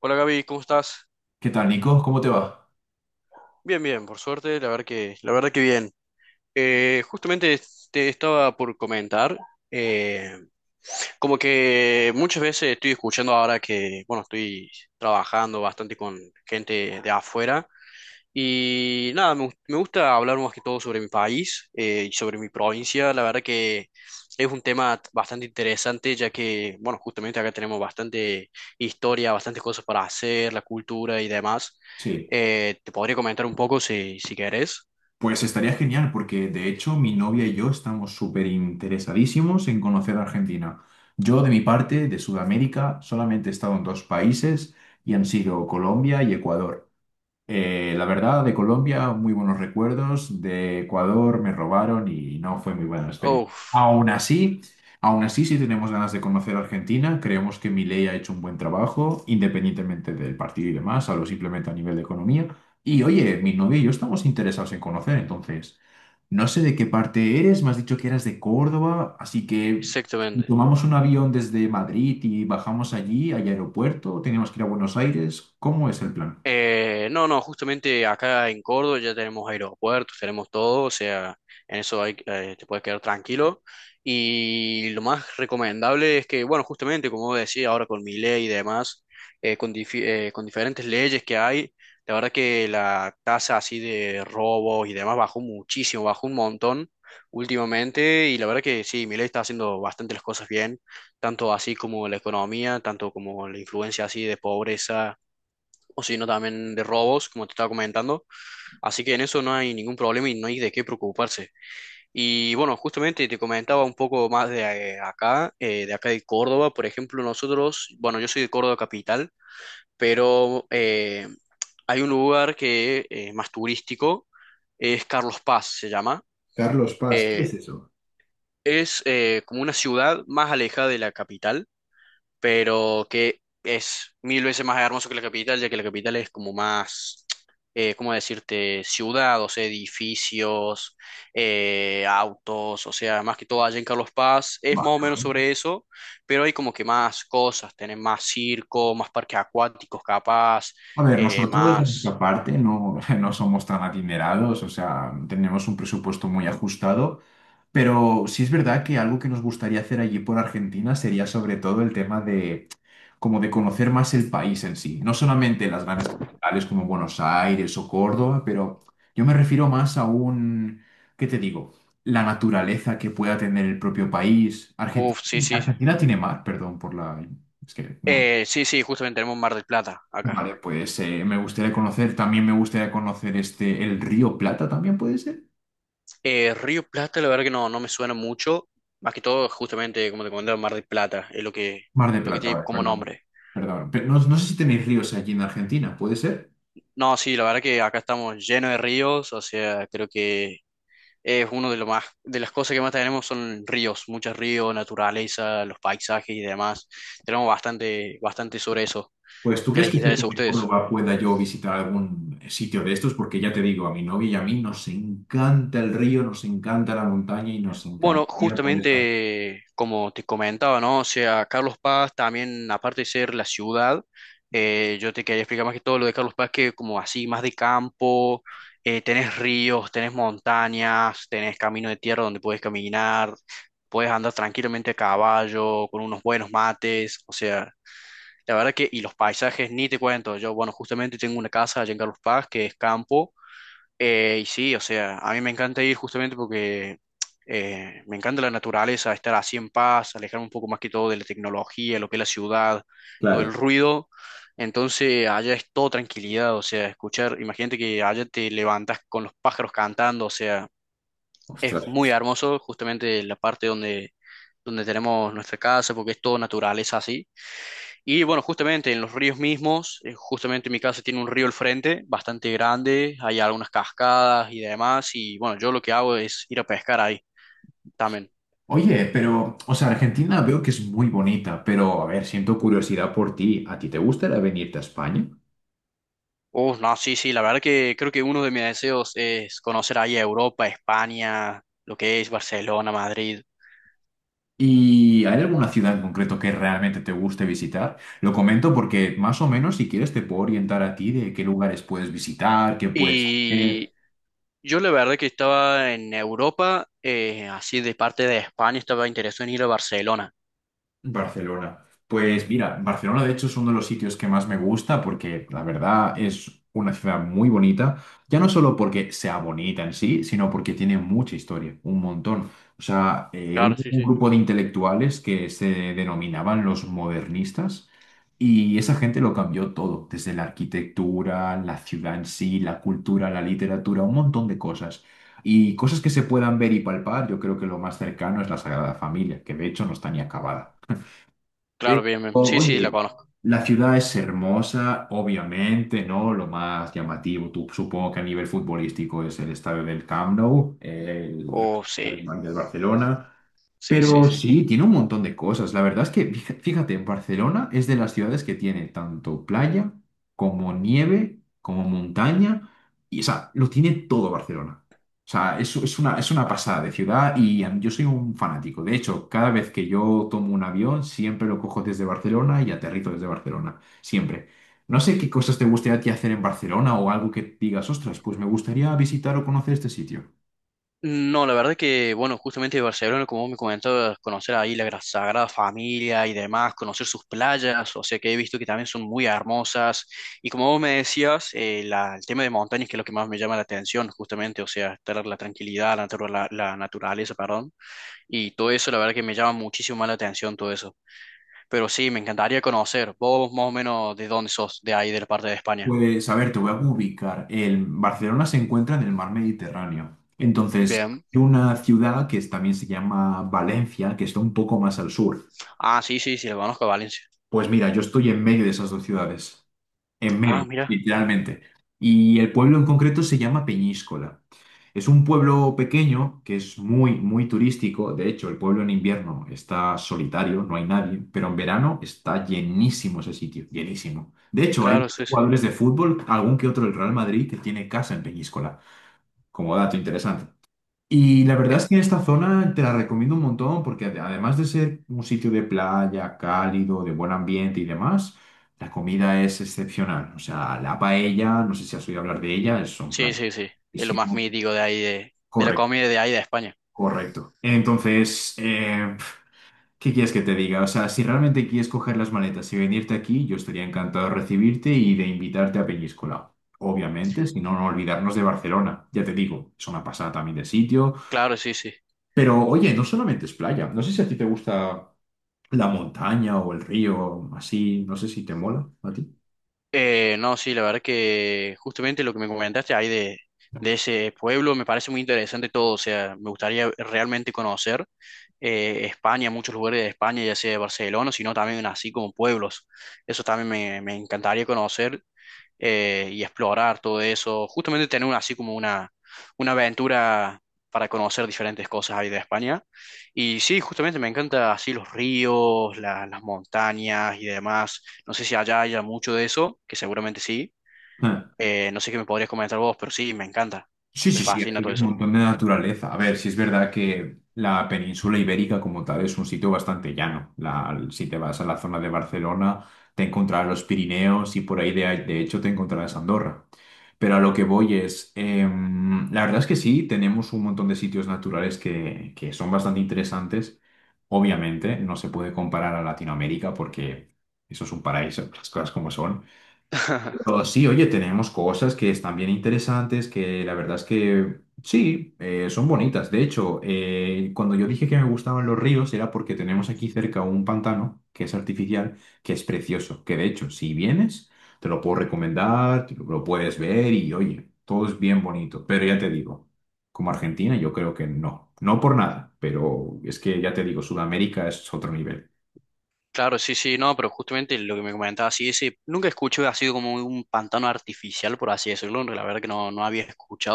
Hola Gaby, ¿cómo estás? ¿Qué tal, Nico? ¿Cómo te va? Bien, bien, por suerte, la verdad que bien. Justamente te estaba por comentar, eh, como que muchas veces estoy escuchando ahora que, bueno, estoy trabajando bastante con gente de afuera. Y nada, me gusta hablar más que todo sobre mi país, y sobre mi provincia. La verdad que es un tema bastante interesante, ya que, bueno, justamente acá tenemos bastante historia, bastantes cosas para hacer, la cultura y demás. Sí. Te podría comentar un poco si querés. Pues estaría genial porque de hecho mi novia y yo estamos súper interesadísimos en conocer Argentina. Yo de mi parte, de Sudamérica, solamente he estado en dos países y han sido Colombia y Ecuador. La verdad, de Colombia, muy buenos recuerdos. De Ecuador me robaron y no fue muy buena la experiencia. Uf, Aún así, sí tenemos ganas de conocer Argentina. Creemos que Milei ha hecho un buen trabajo, independientemente del partido y demás, hablo simplemente a nivel de economía. Y oye, mi novio y yo estamos interesados en conocer, entonces, no sé de qué parte eres, me has dicho que eras de Córdoba, así que si exactamente. tomamos un avión desde Madrid y bajamos allí, al aeropuerto, tenemos que ir a Buenos Aires, ¿cómo es el plan? No, no, justamente acá en Córdoba ya tenemos aeropuertos, tenemos todo, o sea, en eso te puedes quedar tranquilo. Y lo más recomendable es que, bueno, justamente como decía ahora con mi ley y demás, con diferentes leyes que hay, la verdad que la tasa así de robos y demás bajó muchísimo, bajó un montón últimamente y la verdad que sí, mi ley está haciendo bastante las cosas bien, tanto así como la economía, tanto como la influencia así de pobreza o si no también de robos, como te estaba comentando. Así que en eso no hay ningún problema y no hay de qué preocuparse. Y bueno, justamente te comentaba un poco más de de acá de Córdoba, por ejemplo, nosotros, bueno, yo soy de Córdoba capital, pero hay un lugar que es más turístico, es Carlos Paz, se llama. Carlos Paz, ¿qué Eh, es eso? es como una ciudad más alejada de la capital pero que es mil veces más hermoso que la capital, ya que la capital es como más, ¿cómo decirte? Ciudad, o sea, edificios, autos, o sea, más que todo allá en Carlos Paz, es Vale, más o menos vale. sobre eso, pero hay como que más cosas, tienen más circo, más parques acuáticos capaz, A ver, nosotros de nuestra más... parte no, no somos tan adinerados, o sea, tenemos un presupuesto muy ajustado, pero sí es verdad que algo que nos gustaría hacer allí por Argentina sería sobre todo el tema de como de conocer más el país en sí, no solamente las grandes capitales como Buenos Aires o Córdoba, pero yo me refiero más a un, ¿qué te digo? La naturaleza que pueda tener el propio país. Uf, sí, sí. Argentina tiene mar, perdón por la... Es que no. Sí, sí, justamente tenemos Mar del Plata acá. Vale, pues me gustaría conocer, también me gustaría conocer este, el río Plata también puede ser. Río Plata, la verdad que no me suena mucho. Más que todo, justamente, como te comenté, Mar del Plata es Mar de lo que Plata, tiene vale, como perdón. nombre. Perdón. Pero no, no sé si tenéis ríos allí en Argentina, ¿puede ser? No, sí, la verdad que acá estamos llenos de ríos, o sea, creo que es uno de lo más, de las cosas que más tenemos son ríos, muchos ríos, naturaleza, los paisajes y demás. Tenemos bastante sobre eso. Pues ¿tú ¿Qué crees les que cerca interesa a de ustedes? Córdoba pueda yo visitar algún sitio de estos? Porque ya te digo, a mi novia y a mí nos encanta el río, nos encanta la montaña y nos Bueno, encantaría poder estar. justamente como te comentaba, ¿no? O sea, Carlos Paz también, aparte de ser la ciudad, yo te quería explicar más que todo lo de Carlos Paz, que como así, más de campo, tenés ríos, tenés montañas, tenés camino de tierra donde puedes caminar, puedes andar tranquilamente a caballo, con unos buenos mates, o sea, la verdad que, y los paisajes, ni te cuento, yo, bueno, justamente tengo una casa allá en Carlos Paz que es campo. Y sí, o sea, a mí me encanta ir justamente porque me encanta la naturaleza, estar así en paz, alejarme un poco más que todo de la tecnología, lo que es la ciudad, todo Claro, el ruido. Entonces, allá es todo tranquilidad, o sea, escuchar, imagínate que allá te levantas con los pájaros cantando, o sea, es ostras. muy hermoso justamente donde tenemos nuestra casa, porque es todo naturaleza así. Y bueno, justamente en los ríos mismos, justamente mi casa tiene un río al frente, bastante grande, hay algunas cascadas y demás, y bueno, yo lo que hago es ir a pescar ahí también. Oye, pero, o sea, Argentina veo que es muy bonita, pero a ver, siento curiosidad por ti. ¿A ti te gustaría venirte a España? No, sí, sí, la verdad que creo que uno de mis deseos es conocer ahí Europa, España, lo que es Barcelona, Madrid. ¿Y hay alguna ciudad en concreto que realmente te guste visitar? Lo comento porque más o menos si quieres te puedo orientar a ti de qué lugares puedes visitar, qué puedes hacer. Y yo la verdad que estaba en Europa, así de parte de España, estaba interesado en ir a Barcelona. Barcelona. Pues mira, Barcelona de hecho es uno de los sitios que más me gusta porque la verdad es una ciudad muy bonita, ya no solo porque sea bonita en sí, sino porque tiene mucha historia, un montón. O sea, eh, un, Claro, sí, un sí. grupo de intelectuales que se denominaban los modernistas y esa gente lo cambió todo, desde la arquitectura, la ciudad en sí, la cultura, la literatura, un montón de cosas. Y cosas que se puedan ver y palpar, yo creo que lo más cercano es la Sagrada Familia, que de hecho no está ni acabada. Claro, Pero, bien, bien. Sí, sí, la oye, conozco. la ciudad es hermosa, obviamente, ¿no? Lo más llamativo, tú- supongo que a nivel futbolístico es el estadio del Camp Nou, Oh, sí, el del Barcelona. sí, sí, Pero sí. sí, tiene un montón de cosas. La verdad es que, fija- fíjate, Barcelona es de las ciudades que tiene tanto playa como nieve, como montaña, y o sea, lo tiene todo Barcelona. O sea, es una pasada de ciudad y a mí- yo soy un fanático. De hecho, cada vez que yo tomo un avión, siempre lo cojo desde Barcelona y aterrizo desde Barcelona. Siempre. No sé qué cosas te gustaría a ti hacer en Barcelona o algo que digas, ostras, pues me gustaría visitar o conocer este sitio. No, la verdad que, bueno, justamente de Barcelona, como vos me comentabas, conocer ahí la Sagrada Familia y demás, conocer sus playas, o sea que he visto que también son muy hermosas. Y como vos me decías, el tema de montañas, que es lo que más me llama la atención, justamente, o sea, estar la tranquilidad, la la naturaleza, perdón. Y todo eso, la verdad que me llama muchísimo más la atención todo eso. Pero sí, me encantaría conocer. Vos más o menos de dónde sos, de ahí, de la parte de España. Pues, a ver, te voy a ubicar. El Barcelona se encuentra en el mar Mediterráneo. Entonces, Bien. hay una ciudad que es- también se llama Valencia, que está un poco más al sur. Ah, sí, sí, sí, lo conozco a Valencia. Pues mira, yo estoy en medio de esas dos ciudades. En Ah, medio, mira, literalmente. Y el pueblo en concreto se llama Peñíscola. Es un pueblo pequeño que es muy, muy turístico. De hecho, el pueblo en invierno está solitario, no hay nadie, pero en verano está llenísimo ese sitio, llenísimo. De hecho, hay claro, sí, sí. jugadores de fútbol, algún que otro del Real Madrid, que tiene casa en Peñíscola, como dato interesante. Y la verdad es que esta zona te la recomiendo un montón porque ade- además de ser un sitio de playa, cálido, de buen ambiente y demás, la comida es excepcional. O sea, la paella, no sé si has oído hablar de ella, es un Sí, plato sí, sí. Es lo más buenísimo. mítico de ahí, de la Correcto, comida de ahí de España. correcto. Entonces, ¿qué quieres que te diga? O sea, si realmente quieres coger las maletas y venirte aquí, yo estaría encantado de recibirte y de invitarte a Peñíscola. Obviamente, si no, no olvidarnos de Barcelona. Ya te digo, es una pasada también de sitio. Claro, sí, sí. Pero oye, no solamente es playa. No sé si a ti te gusta la montaña o el río, así. No sé si te mola a ti. No, sí, la verdad que justamente lo que me comentaste ahí de ese pueblo me parece muy interesante todo. O sea, me gustaría realmente conocer España, muchos lugares de España, ya sea de Barcelona, sino también así como pueblos. Eso también me encantaría conocer. Y explorar todo eso. Justamente tener así como una aventura para conocer diferentes cosas ahí de España. Y sí, justamente me encanta así los ríos, las montañas y demás. No sé si allá haya mucho de eso, que seguramente sí. Ah. No sé qué me podrías comentar vos, pero sí, me encanta. Sí, Me sí, sí, fascina aquí hay todo un eso. montón de naturaleza. A ver, si es verdad que la península ibérica como tal es un sitio bastante llano. La- si te vas a la zona de Barcelona, te encontrarás los Pirineos y por ahí de hecho te encontrarás Andorra. Pero a lo que voy es, la verdad es que sí, tenemos un montón de sitios naturales que son bastante interesantes. Obviamente, no se puede comparar a Latinoamérica porque eso es un paraíso, las cosas como son. Pero sí, oye, tenemos cosas que están bien interesantes, que la verdad es que sí, son bonitas. De hecho, cuando yo dije que me gustaban los ríos era porque tenemos aquí cerca un pantano que es artificial, que es precioso, que de hecho, si vienes, te lo puedo recomendar, te lo puedes ver y oye, todo es bien bonito. Pero ya te digo, como Argentina, yo creo que no, no por nada, pero es que ya te digo, Sudamérica es otro nivel. Claro, sí, sí, no, pero justamente lo que me comentaba, sí, ese, nunca escuché, ha sido como un pantano artificial, por así decirlo, la verdad que no había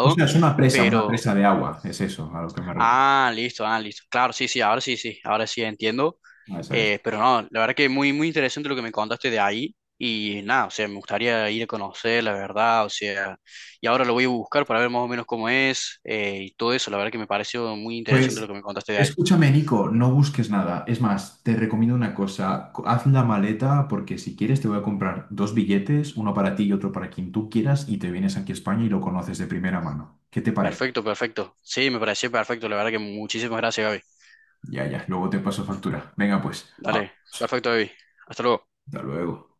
O sea, es una pero presa de agua, es eso a lo que me refiero. ah, listo, ah, listo. Claro, sí, sí, ahora sí, sí, ahora sí entiendo. A esa es. Pero no, la verdad que muy interesante lo que me contaste de ahí. Y nada, o sea, me gustaría ir a conocer, la verdad, o sea, y ahora lo voy a buscar para ver más o menos cómo es, y todo eso. La verdad que me pareció muy interesante lo Pues que me contaste de ahí. escúchame, Nico, no busques nada. Es más, te recomiendo una cosa. Co- Haz la maleta porque si quieres te voy a comprar dos billetes, uno para ti y otro para quien tú quieras, y te vienes aquí a España y lo conoces de primera mano. ¿Qué te parece? Perfecto, perfecto. Sí, me pareció perfecto. La verdad que muchísimas gracias, Gaby. Ya, ya, luego te paso factura. Venga, pues, Dale, hablamos. perfecto, Gaby. Hasta luego. Hasta luego.